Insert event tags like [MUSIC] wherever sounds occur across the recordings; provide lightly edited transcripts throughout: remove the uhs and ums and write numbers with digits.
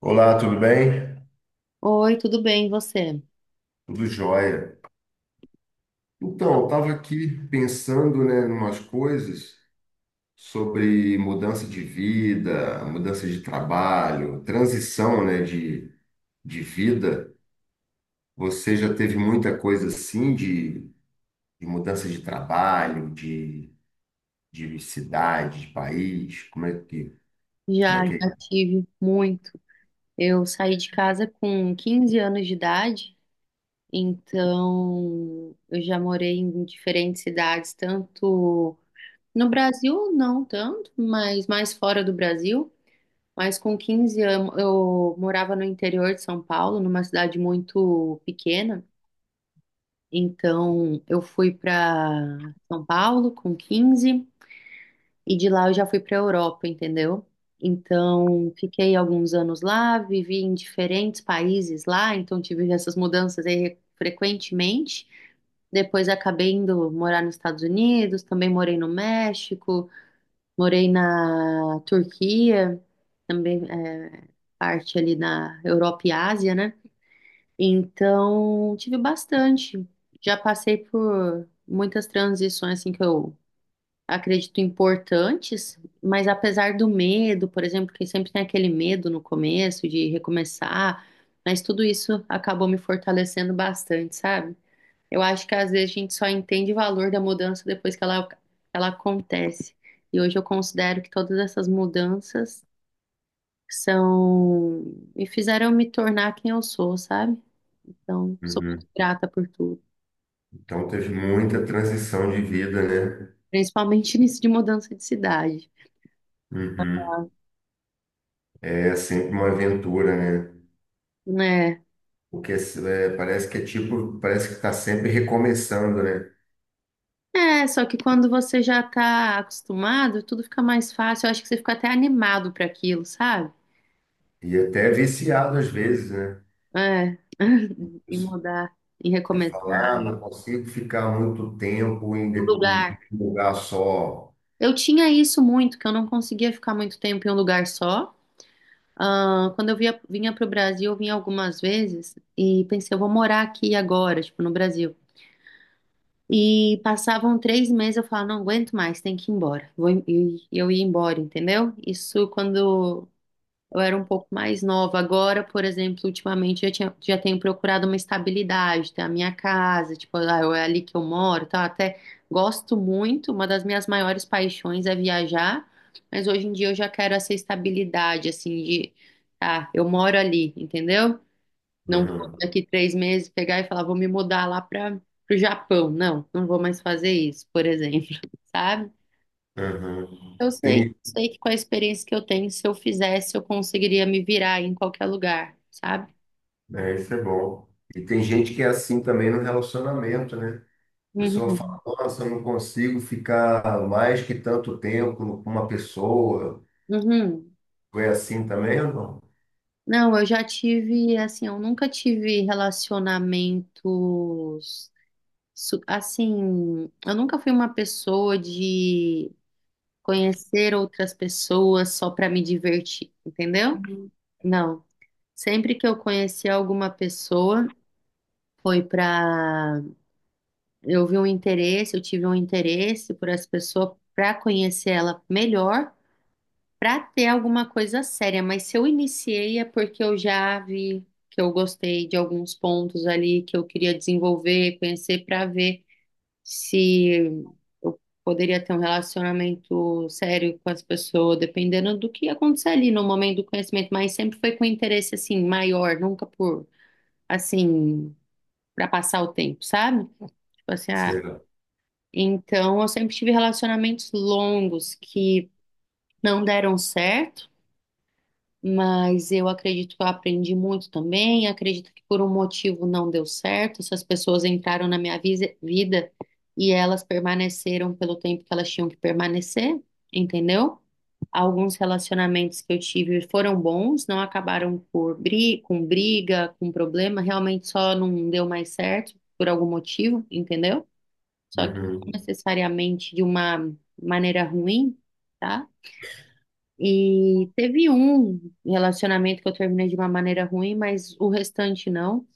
Olá, tudo bem? Oi, tudo bem, e você? Tudo jóia. Então, eu estava aqui pensando, né, em umas coisas sobre mudança de vida, mudança de trabalho, transição, né, de vida. Você já teve muita coisa assim de mudança de trabalho, de cidade, de país? Como é Já, que é? já tive muito. Eu saí de casa com 15 anos de idade, então eu já morei em diferentes cidades, tanto no Brasil, não tanto, mas mais fora do Brasil. Mas com 15 anos eu morava no interior de São Paulo, numa cidade muito pequena. Então eu fui para São Paulo com 15. E de lá eu já fui para a Europa, entendeu? Então, fiquei alguns anos lá, vivi em diferentes países lá, então tive essas mudanças aí frequentemente. Depois acabei indo morar nos Estados Unidos, também morei no México, morei na Turquia, também parte ali na Europa e Ásia, né? Então, tive bastante. Já passei por muitas transições assim que eu acredito, importantes, mas apesar do medo, por exemplo, que sempre tem aquele medo no começo de recomeçar, mas tudo isso acabou me fortalecendo bastante, sabe? Eu acho que às vezes a gente só entende o valor da mudança depois que ela acontece. E hoje eu considero que todas essas mudanças são me fizeram me tornar quem eu sou, sabe? Então, sou Uhum. muito grata por tudo, Então, teve muita transição de vida, né? principalmente [LAUGHS] nisso de mudança de cidade, Uhum. É sempre uma aventura, né? né? Porque parece que é tipo, parece que está sempre recomeçando, né? É, só que quando você já tá acostumado, tudo fica mais fácil. Eu acho que você fica até animado para aquilo, sabe? E até é viciado às vezes, né? É, [LAUGHS] em Você mudar, e recomeçar, fala, ah, não consigo ficar muito tempo em, um de- em lugar. um lugar só. Eu tinha isso muito, que eu não conseguia ficar muito tempo em um lugar só. Ah, quando eu via, vinha pro Brasil, eu vinha algumas vezes e pensei, eu vou morar aqui agora, tipo, no Brasil. E passavam três meses, eu falava, não aguento mais, tem que ir embora. Vou, e eu ia embora, entendeu? Isso quando eu era um pouco mais nova. Agora, por exemplo, ultimamente eu tinha, já tenho procurado uma estabilidade, ter a minha casa, tipo, ah, é ali que eu moro, tal. Até gosto muito, uma das minhas maiores paixões é viajar, mas hoje em dia eu já quero essa estabilidade, assim, de, ah, eu moro ali, entendeu? Não vou Uhum, daqui três meses pegar e falar, vou me mudar lá para o Japão. Não, não vou mais fazer isso, por exemplo, [LAUGHS] sabe? uhum. Sei que com a experiência que eu tenho, se eu fizesse, eu conseguiria me virar em qualquer lugar, sabe? É, isso é bom. E tem gente que é assim também no relacionamento, né? A pessoa Uhum, fala, nossa, eu não consigo ficar mais que tanto tempo com uma pessoa. uhum. Foi assim também ou não? Não, eu já tive, assim, eu nunca tive relacionamentos, assim, eu nunca fui uma pessoa de conhecer outras pessoas só para me divertir, entendeu? Não. Sempre que eu conheci alguma pessoa, foi para eu tive um interesse por essa pessoa para conhecer ela melhor, para ter alguma coisa séria. Mas se eu iniciei é porque eu já vi que eu gostei de alguns pontos ali que eu queria desenvolver, conhecer para ver se eu poderia ter um relacionamento sério com essa pessoa, dependendo do que ia acontecer ali no momento do conhecimento. Mas sempre foi com interesse assim maior, nunca por assim para passar o tempo, sabe? Tipo assim, ah, Será? então, eu sempre tive relacionamentos longos que não deram certo, mas eu acredito que eu aprendi muito também. Acredito que por um motivo não deu certo. Essas pessoas entraram na minha vida e elas permaneceram pelo tempo que elas tinham que permanecer, entendeu? Alguns relacionamentos que eu tive foram bons, não acabaram por bri com briga, com problema, realmente só não deu mais certo por algum motivo, entendeu? Só que não Uhum. necessariamente de uma maneira ruim, tá? E teve um relacionamento que eu terminei de uma maneira ruim, mas o restante não.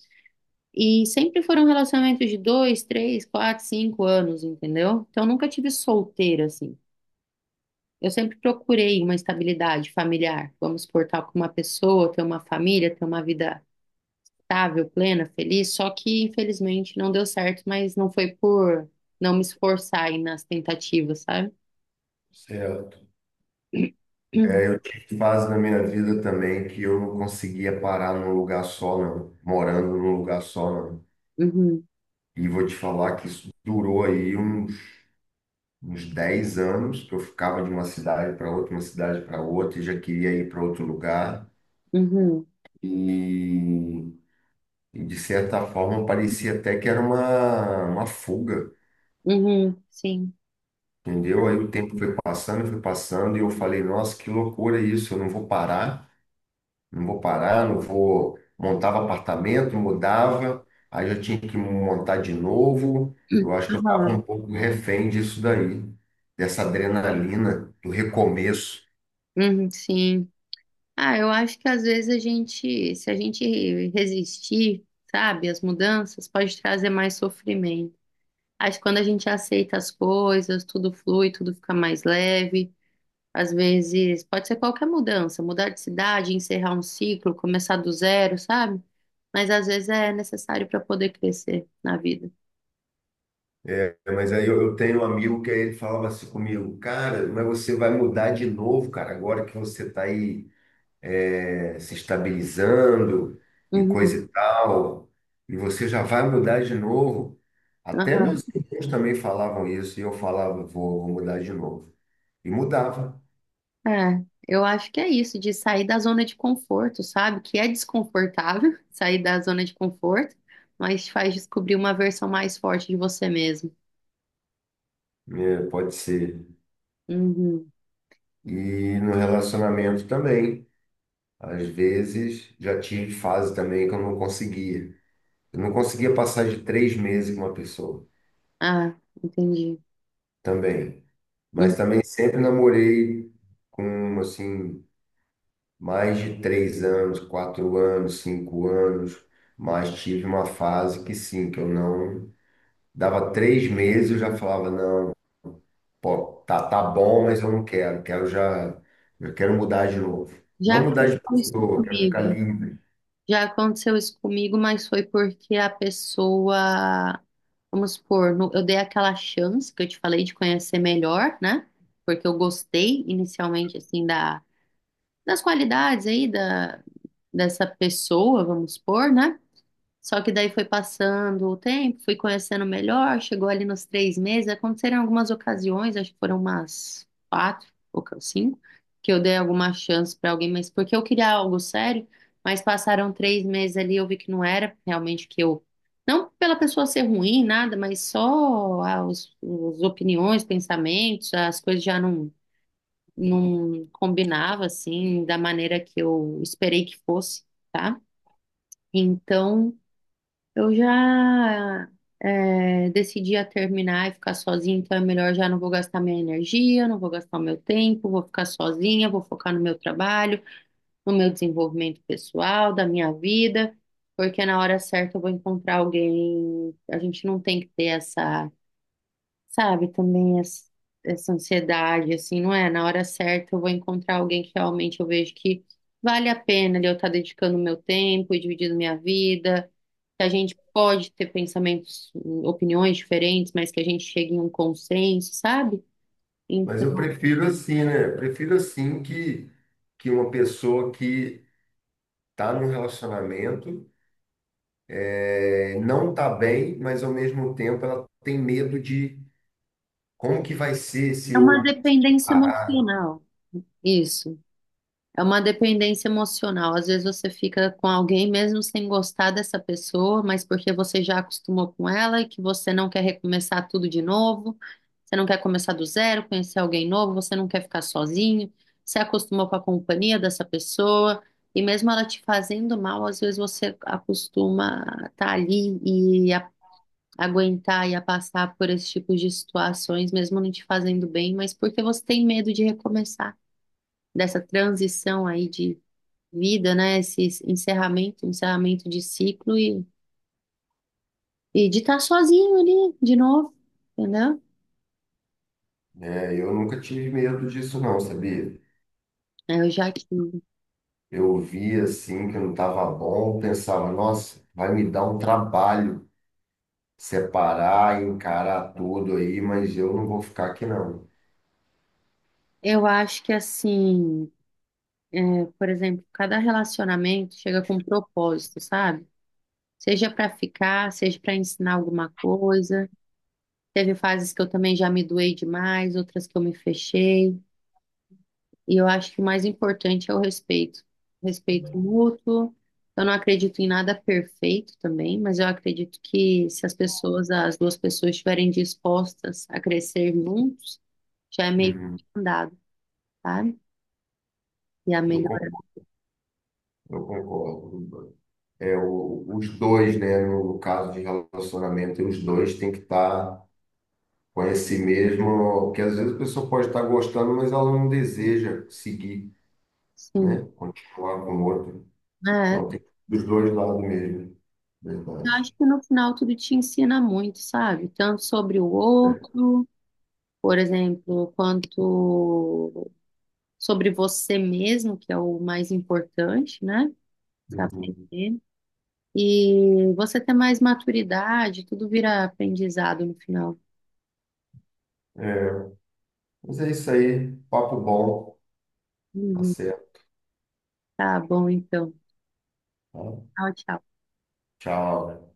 E sempre foram relacionamentos de dois, três, quatro, cinco anos, entendeu? Então eu nunca tive solteira assim. Eu sempre procurei uma estabilidade familiar, vamos supor, estar com uma pessoa, ter uma família, ter uma vida estável, plena, feliz. Só que infelizmente não deu certo, mas não foi por não me esforçar aí nas tentativas, sabe? Será? É, eu tive fase na minha vida também que eu não conseguia parar num lugar só, não. Morando num lugar só, não. Uhum, E vou te falar que isso durou uns 10 anos, que eu ficava de uma cidade para outra, uma cidade para outra, e já queria ir para outro lugar. uhum, E, e, de certa forma, parecia até que era uma fuga, uhum, sim. entendeu? Aí o tempo foi passando, e eu falei, nossa, que loucura isso, eu não vou parar. Não vou parar, não vou. Montava apartamento, mudava, aí já tinha que montar de novo. Eu acho que eu estava um Aham, pouco refém disso daí, dessa adrenalina do recomeço. uhum, sim. Ah, eu acho que às vezes a gente, se a gente resistir, sabe, às mudanças, pode trazer mais sofrimento. Acho que quando a gente aceita as coisas, tudo flui, tudo fica mais leve. Às vezes, pode ser qualquer mudança, mudar de cidade, encerrar um ciclo, começar do zero, sabe? Mas às vezes é necessário para poder crescer na vida. É, mas aí eu tenho um amigo que aí ele falava assim comigo, cara, mas você vai mudar de novo, cara, agora que você está aí. Se estabilizando e Uhum. coisa e tal, e você já vai mudar de novo. Até meus irmãos também falavam isso, e eu falava, vou mudar de novo. E mudava, É, eu acho que é isso, de sair da zona de conforto, sabe? Que é desconfortável [LAUGHS] sair da zona de conforto, mas te faz descobrir uma versão mais forte de você mesmo. né? Pode ser. Uhum. E no relacionamento também. Às vezes já tive fase também que eu não conseguia. Eu não conseguia passar de três meses com uma pessoa Ah, entendi. também. Hum. Mas também sempre namorei com, assim, mais de três anos, quatro anos, cinco anos, mas tive uma fase que sim, que eu não dava três meses, eu já falava, não, pô, tá bom, mas eu não quero já, eu quero mudar de novo. Já Não mudar de aconteceu isso pessoa, quero ficar comigo. livre. Já aconteceu isso comigo, mas foi porque a pessoa, vamos supor, eu dei aquela chance que eu te falei de conhecer melhor, né? Porque eu gostei inicialmente, assim, das qualidades aí, da dessa pessoa, vamos supor, né? Só que daí foi passando o tempo, fui conhecendo melhor, chegou ali nos três meses, aconteceram algumas ocasiões, acho que foram umas quatro ou cinco, que eu dei alguma chance para alguém, mas porque eu queria algo sério, mas passaram três meses ali, eu vi que não era realmente que eu, não pela pessoa ser ruim, nada, mas só as opiniões, pensamentos, as coisas já não, não combinava assim, da maneira que eu esperei que fosse, tá? Então, eu já decidi a terminar e ficar sozinha, então é melhor já não vou gastar minha energia, não vou gastar o meu tempo, vou ficar sozinha, vou focar no meu trabalho, no meu desenvolvimento pessoal, da minha vida, porque na hora certa eu vou encontrar alguém. A gente não tem que ter essa sabe, também essa ansiedade, assim, não é? Na hora certa eu vou encontrar alguém que realmente eu vejo que vale a pena de eu estar dedicando meu tempo e dividindo minha vida, que a gente pode ter pensamentos, opiniões diferentes, mas que a gente chegue em um consenso, sabe? Mas Então, eu prefiro assim, né? Eu prefiro assim que uma pessoa que tá num relacionamento não tá bem, mas ao mesmo tempo ela tem medo de como que vai ser se é uma eu dependência parar. emocional. Isso. É uma dependência emocional. Às vezes você fica com alguém mesmo sem gostar dessa pessoa, mas porque você já acostumou com ela e que você não quer recomeçar tudo de novo, você não quer começar do zero, conhecer alguém novo, você não quer ficar sozinho, você acostumou com a companhia dessa pessoa, e mesmo ela te fazendo mal, às vezes você acostuma a estar ali e a, aguentar e a passar por esse tipo de situações, mesmo não te fazendo bem, mas porque você tem medo de recomeçar, dessa transição aí de vida, né? Esse encerramento, encerramento de ciclo e de estar sozinho ali de novo, entendeu? É, eu nunca tive medo disso não, sabia? É, eu já tive. Eu via assim que não estava bom, pensava, nossa, vai me dar um trabalho separar, encarar tudo aí, mas eu não vou ficar aqui não. Eu acho que assim, por exemplo, cada relacionamento chega com um propósito, sabe? Seja para ficar, seja para ensinar alguma coisa. Teve fases que eu também já me doei demais, outras que eu me fechei. E eu acho que o mais importante é o respeito. Respeito mútuo. Eu não acredito em nada perfeito também, mas eu acredito que se as pessoas, as duas pessoas estiverem dispostas a crescer juntos, já é meio que Uhum. andado, sabe? E a Eu, con- melhorar, eu concordo. É, os dois, né, no caso de relacionamento, os dois têm que estar com esse mesmo, porque às vezes a pessoa pode estar gostando, mas ela não deseja seguir, sim. né, continuar com o outro. É, assim, Então, né? tem dos dois lados mesmo. Eu acho Verdade. que no final tudo te ensina muito, sabe? Tanto sobre o outro, por exemplo, quanto sobre você mesmo, que é o mais importante, né? Se Uhum. aprender. E você tem mais maturidade, tudo vira aprendizado no final. É, mas é isso aí. Papo bom. Tá Uhum. certo. Tá bom, então. Tá? Tchau, tchau. Tchau.